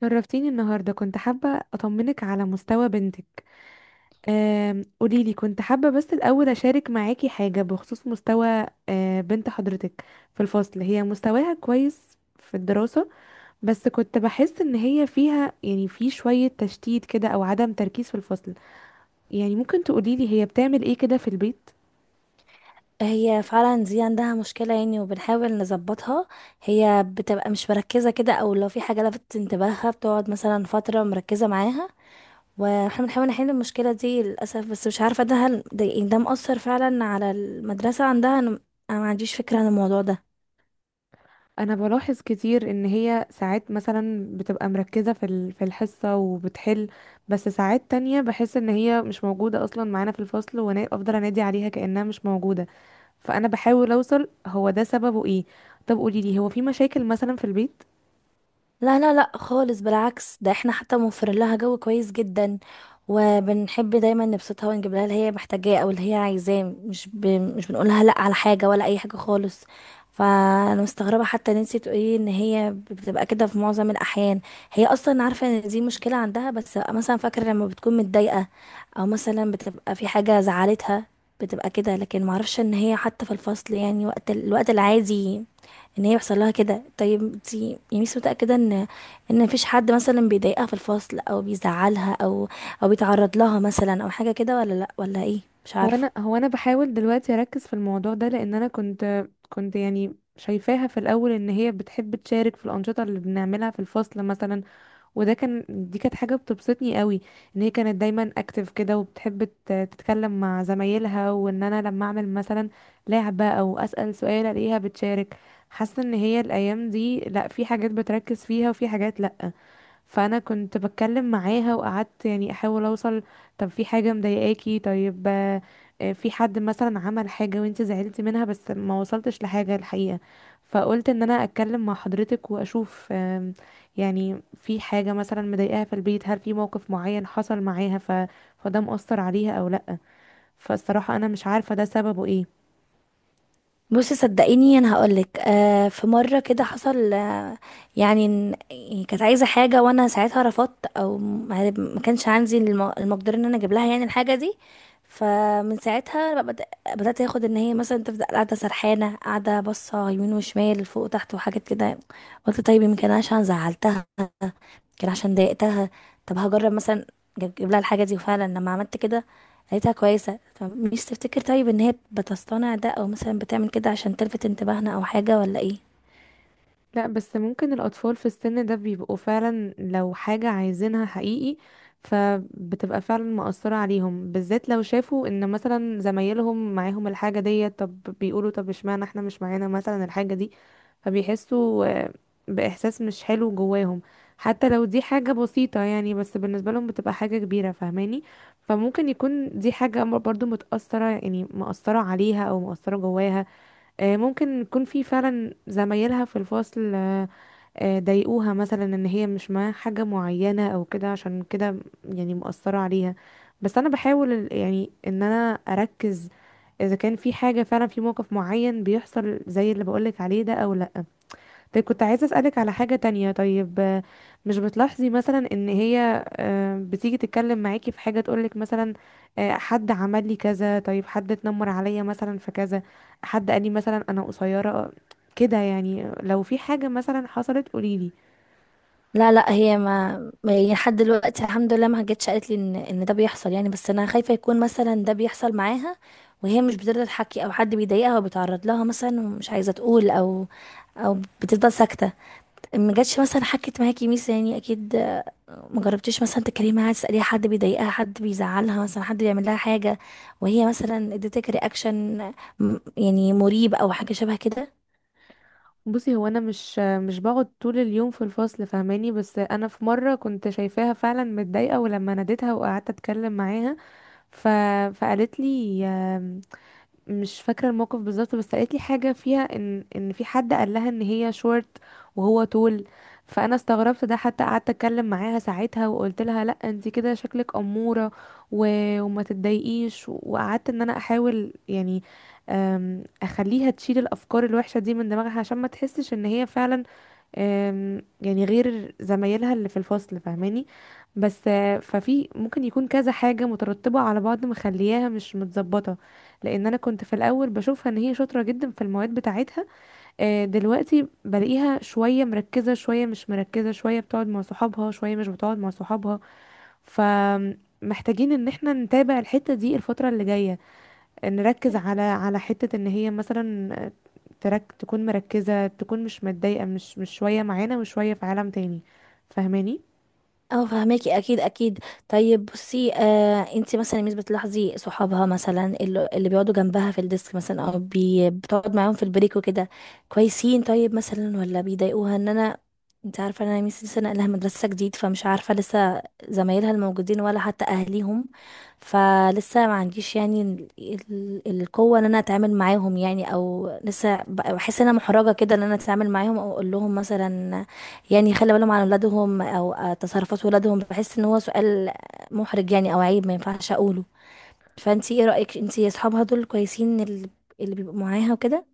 شرفتيني النهارده، كنت حابة أطمنك على مستوى بنتك. قوليلي، كنت حابة بس الأول أشارك معاكي حاجة بخصوص مستوى بنت حضرتك في الفصل. هي مستواها كويس في الدراسة، بس كنت بحس إن هي فيها يعني في شوية تشتيت كده أو عدم تركيز في الفصل. يعني ممكن تقوليلي هي بتعمل إيه كده في البيت؟ هي فعلا دي عندها مشكلة يعني وبنحاول نظبطها. هي بتبقى مش مركزة كده، او لو في حاجة لفتت انتباهها بتقعد مثلا فترة مركزة معاها. واحنا بنحاول نحل المشكلة دي للأسف، بس مش عارفة ده هل ده, يعني ده مأثر فعلا على المدرسة عندها. أنا ما عنديش فكرة عن الموضوع ده. انا بلاحظ كتير ان هي ساعات مثلا بتبقى مركزة في في الحصة وبتحل، بس ساعات تانية بحس ان هي مش موجودة اصلا معانا في الفصل، وانا افضل انادي عليها كأنها مش موجودة. فانا بحاول اوصل هو ده سببه ايه. طب قوليلي، هو في مشاكل مثلا في البيت؟ لا لا لا خالص، بالعكس ده احنا حتى موفرين لها جو كويس جدا. وبنحب دايما نبسطها ونجيب لها اللي هي محتاجاه او اللي هي عايزاه. مش بنقولها لا على حاجة ولا اي حاجة خالص. فانا مستغربة حتى ان انتي تقولي ان هي بتبقى كده في معظم الاحيان. هي اصلا عارفة ان دي مشكلة عندها، بس مثلا فاكرة لما بتكون متضايقة او مثلا بتبقى في حاجة زعلتها بتبقى كده. لكن معرفش ان هي حتى في الفصل، يعني وقت الوقت العادي، ان هي يحصل لها كده. طيب انت يعني مش متاكده ان مفيش حد مثلا بيضايقها في الفصل او بيزعلها، او او بيتعرض لها مثلا او حاجه كده، ولا لا؟ ولا ايه؟ مش هو عارفه. انا هو انا بحاول دلوقتي اركز في الموضوع ده، لان انا كنت يعني شايفاها في الاول ان هي بتحب تشارك في الانشطة اللي بنعملها في الفصل مثلا، وده كان دي كانت حاجة بتبسطني قوي. ان هي كانت دايما اكتف كده، وبتحب تتكلم مع زمايلها، وان انا لما اعمل مثلا لعبة او اسأل سؤال الاقيها بتشارك. حاسة ان هي الايام دي لا، في حاجات بتركز فيها وفي حاجات لا. فانا كنت بتكلم معاها وقعدت يعني احاول اوصل، طب في حاجه مضايقاكي؟ طيب في حد مثلا عمل حاجه وانت زعلتي منها؟ بس ما وصلتش لحاجه الحقيقه. فقلت ان انا اتكلم مع حضرتك واشوف يعني في حاجه مثلا مضايقاها في البيت، هل في موقف معين حصل معاها فده مأثر عليها او لا؟ فالصراحه انا مش عارفه ده سببه ايه. بصي صدقيني انا هقولك، آه في مره كده حصل. آه يعني يعني كانت عايزه حاجه وانا ساعتها رفضت، او ما كانش عندي المقدره ان انا اجيب لها يعني الحاجه دي. فمن ساعتها بقى بدات اخد ان هي مثلا تفضل قاعده سرحانه، قاعده باصه يمين وشمال فوق وتحت وحاجات كده. قلت طيب يمكن انا عشان زعلتها، كان عشان ضايقتها. طب هجرب مثلا اجيب لها الحاجه دي. وفعلا لما عملت كده لقيتها كويسه. فمش تفتكر طيب ان هي بتصطنع ده، او مثلا بتعمل كده عشان تلفت انتباهنا او حاجه، ولا ايه؟ لا بس ممكن الأطفال في السن ده بيبقوا فعلا لو حاجة عايزينها حقيقي، فبتبقى فعلا مأثرة عليهم، بالذات لو شافوا ان مثلا زمايلهم معاهم الحاجة دي، طب بيقولوا طب اشمعنى احنا مش معانا مثلا الحاجة دي؟ فبيحسوا بإحساس مش حلو جواهم. حتى لو دي حاجة بسيطة يعني، بس بالنسبة لهم بتبقى حاجة كبيرة، فاهماني؟ فممكن يكون دي حاجة برضو متأثرة، يعني مأثرة عليها أو مأثرة جواها. ممكن يكون في فعلا زمايلها في الفصل ضايقوها مثلا ان هي مش معاها حاجة معينة او كده، عشان كده يعني مؤثرة عليها. بس انا بحاول يعني ان انا اركز اذا كان في حاجة فعلا، في موقف معين بيحصل زي اللي بقولك عليه ده او لا. طيب كنت عايزة أسألك على حاجة تانية، طيب مش بتلاحظي مثلا إن هي بتيجي تتكلم معاكي في حاجة تقولك مثلا حد عمل لي كذا، طيب حد اتنمر عليا مثلا في كذا، حد قال لي مثلا أنا قصيرة؟ كده يعني لو في حاجة مثلا حصلت قوليلي. لا لا، هي ما ما- يعني لحد دلوقتي الحمد لله ما جتش قالت لي ان ده بيحصل يعني. بس انا خايفه يكون مثلا ده بيحصل معاها وهي مش بترضى تحكي، او حد بيضايقها وبيتعرض لها مثلا ومش عايزه تقول، او او بتفضل ساكته. ما جاتش مثلا حكت معاكي ميس يعني؟ اكيد ما جربتيش مثلا تكلمي معاها تساليها حد بيضايقها، حد بيزعلها مثلا، حد بيعمل لها حاجه، وهي مثلا اديتك رياكشن يعني مريب او حاجه شبه كده؟ بصي، هو أنا مش آه، مش بقعد طول اليوم في الفصل، فاهماني؟ بس أنا في مرة كنت شايفاها فعلا متضايقة، ولما ناديتها وقعدت أتكلم معاها ف... فقالت لي، مش فاكرة الموقف بالظبط، بس قالت لي حاجة فيها ان في حد قال لها ان هي شورت وهو طول. فانا استغربت ده، حتى قعدت اتكلم معاها ساعتها وقلت لها لا، انت كده شكلك امورة و... وما تتضايقيش، وقعدت ان انا احاول يعني اخليها تشيل الافكار الوحشة دي من دماغها، عشان ما تحسش ان هي فعلا يعني غير زمايلها اللي في الفصل، فاهماني؟ بس ففي ممكن يكون كذا حاجة مترتبة على بعض مخلياها مش متظبطة. لأن أنا كنت في الأول بشوفها إن هي شاطرة جدا في المواد بتاعتها. دلوقتي بلاقيها شوية مركزة شوية مش مركزة، شوية بتقعد مع صحابها شوية مش بتقعد مع صحابها. فمحتاجين إن احنا نتابع الحتة دي الفترة اللي جاية، نركز على حتة ان هي مثلا تكون مركزة، تكون مش متضايقة، مش شوية معانا وشوية في عالم تاني، فاهماني؟ اه فهماكي، اكيد اكيد. طيب بصي، آه انت مثلا مش بتلاحظي صحابها مثلا اللي بيقعدوا جنبها في الديسك مثلا، او بتقعد معاهم في البريك وكده، كويسين؟ طيب مثلا ولا بيضايقوها؟ ان انا انت عارفه إن انا ميسي لسه ناقله مدرسه جديد، فمش عارفه لسه زمايلها الموجودين ولا حتى اهليهم. فلسه ما عنديش يعني القوه ان انا اتعامل معاهم يعني، او لسه بحس ان انا محرجه كده ان انا اتعامل معاهم او اقول لهم مثلا يعني يخلي بالهم عن ولادهم، او تصرفات ولادهم. بحس ان هو سؤال محرج يعني او عيب ما ينفعش اقوله. فانتي ايه رأيك، انتي اصحابها دول كويسين اللي اللي بيبقوا معاها وكده؟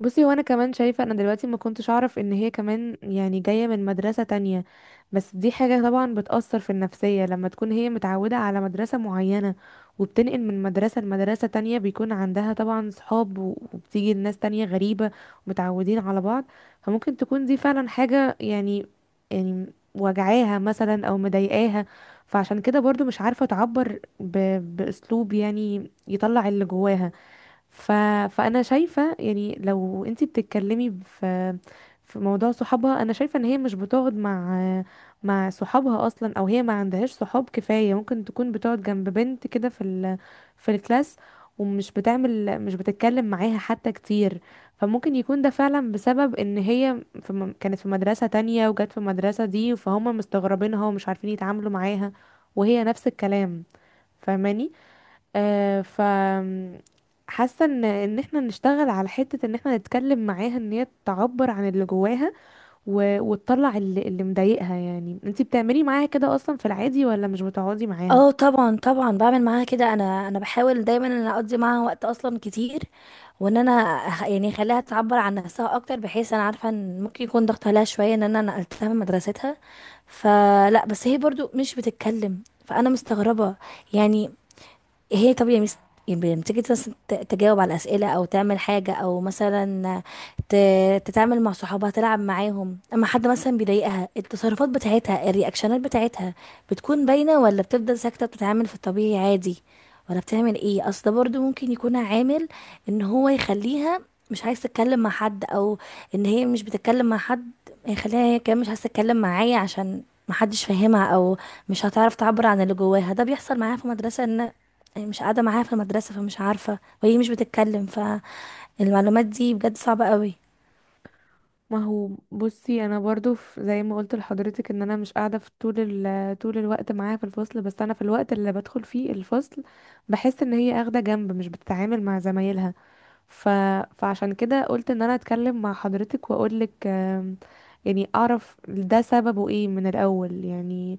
بصي، وانا كمان شايفة، انا دلوقتي ما كنتش اعرف ان هي كمان يعني جاية من مدرسة تانية. بس دي حاجة طبعا بتأثر في النفسية، لما تكون هي متعودة على مدرسة معينة وبتنقل من مدرسة لمدرسة تانية، بيكون عندها طبعا صحاب وبتيجي ناس تانية غريبة ومتعودين على بعض. فممكن تكون دي فعلا حاجة يعني وجعاها مثلا او مضايقاها، فعشان كده برضو مش عارفة تعبر بأسلوب يعني يطلع اللي جواها. ف... فانا شايفه يعني لو انتي بتتكلمي في موضوع صحابها، انا شايفه ان هي مش بتقعد مع صحابها اصلا، او هي ما عندهاش صحاب كفايه. ممكن تكون بتقعد جنب بنت كده في في الكلاس، ومش بتعمل مش بتتكلم معاها حتى كتير. فممكن يكون ده فعلا بسبب ان هي في كانت في مدرسه تانية وجت في المدرسه دي، فهم مستغربينها ومش عارفين يتعاملوا معاها، وهي نفس الكلام، فاهماني؟ آه ف حاسه ان احنا نشتغل على حته ان احنا نتكلم معاها، ان هي تعبر عن اللي جواها وتطلع اللي مضايقها. يعني انتي بتعملي معاها كده اصلا في العادي، ولا مش بتقعدي معاها؟ اه طبعا طبعا، بعمل معاها كده. انا بحاول دايما ان أنا اقضي معاها وقت اصلا كتير، وان انا يعني اخليها تعبر عن نفسها اكتر، بحيث انا عارفه ان ممكن يكون ضغط عليها شويه ان انا نقلتها من مدرستها. فلا، بس هي برضو مش بتتكلم، فانا مستغربه يعني. هي، طب يا ميس، لما تيجي تجاوب على أسئلة أو تعمل حاجة، أو مثلا تتعامل مع صحابها تلعب معاهم، أما حد مثلا بيضايقها التصرفات بتاعتها الرياكشنات بتاعتها بتكون باينة، ولا بتفضل ساكتة بتتعامل في الطبيعي عادي ولا بتعمل ايه؟ أصل ده برضو ممكن يكون عامل إن هو يخليها مش عايز تتكلم مع حد، أو إن هي مش بتتكلم مع حد، يخليها هي كمان مش عايز تتكلم معايا عشان محدش فاهمها، أو مش هتعرف تعبر عن اللي جواها. ده بيحصل معايا في مدرسة ان مش قاعدة معاها في المدرسة، فمش عارفة وهي مش بتتكلم. فالمعلومات دي بجد صعبة قوي. ما هو بصي انا برضو، في زي ما قلت لحضرتك، ان انا مش قاعده في طول طول الوقت معاها في الفصل، بس انا في الوقت اللي بدخل فيه الفصل بحس ان هي اخده جنب، مش بتتعامل مع زمايلها. ف... فعشان كده قلت ان انا اتكلم مع حضرتك واقولك يعني اعرف ده سببه ايه من الاول يعني.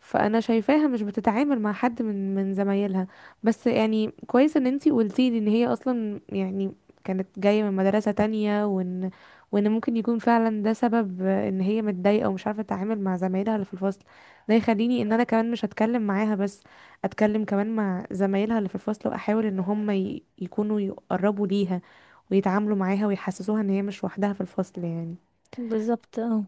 فانا شايفاها مش بتتعامل مع حد من زمايلها. بس يعني كويس ان انتي قلتي لي ان هي اصلا يعني كانت جاية من مدرسة تانية، وان ممكن يكون فعلا ده سبب ان هي متضايقة ومش عارفة تتعامل مع زمايلها اللي في الفصل. ده يخليني ان انا كمان مش هتكلم معاها بس، اتكلم كمان مع زمايلها اللي في الفصل، واحاول ان هم يكونوا يقربوا ليها ويتعاملوا معاها ويحسسوها ان هي مش وحدها في الفصل يعني. بالظبط اه.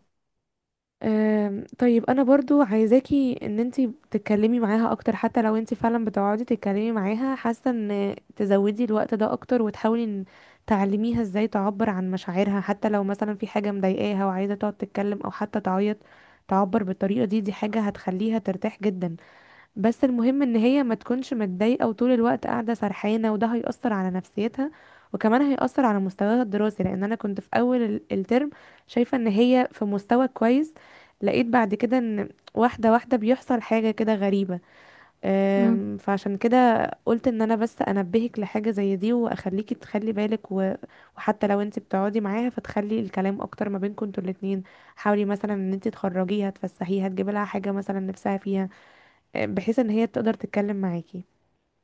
طيب انا برضو عايزاكي ان انتي تتكلمي معاها اكتر، حتى لو انتي فعلا بتقعدي تتكلمي معاها، حاسه ان تزودي الوقت ده اكتر، وتحاولي ان تعلميها ازاي تعبر عن مشاعرها. حتى لو مثلا في حاجه مضايقاها وعايزه تقعد تتكلم او حتى تعيط تعبر بالطريقه دي، دي حاجه هتخليها ترتاح جدا. بس المهم ان هي ما تكونش متضايقه وطول الوقت قاعده سرحانه، وده هيأثر على نفسيتها، وكمان هيأثر على مستواها الدراسي. لان انا كنت في اول الترم شايفه ان هي في مستوى كويس، لقيت بعد كده ان واحده واحده بيحصل حاجه كده غريبه. مم. فعشان كده قلت ان انا بس انبهك لحاجه زي دي، واخليكي تخلي بالك وحتى لو انت بتقعدي معاها فتخلي الكلام اكتر ما بينكم انتوا الاتنين. حاولي مثلا ان انت تخرجيها، تفسحيها، تجيبي لها حاجه مثلا نفسها فيها، بحيث ان هي تقدر تتكلم معاكي.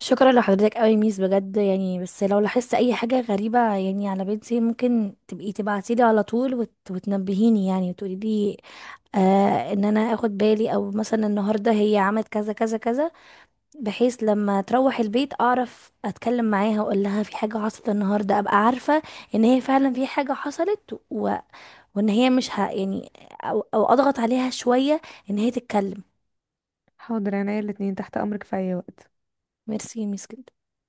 شكرا لحضرتك قوي ميس بجد يعني. بس لو لاحظت اي حاجة غريبة يعني على بنتي، ممكن تبقي تبعتيلي على طول وتنبهيني يعني وتقولي لي آه، ان انا اخد بالي، او مثلا النهاردة هي عملت كذا كذا كذا، بحيث لما تروح البيت اعرف اتكلم معاها واقول لها في حاجة حصلت النهاردة. ابقى عارفة ان هي فعلا في حاجة حصلت، وان هي مش ه... يعني او او اضغط عليها شويه ان هي تتكلم. حاضر، انا الاتنين تحت امرك في اي وقت. ميرسي يا ميس.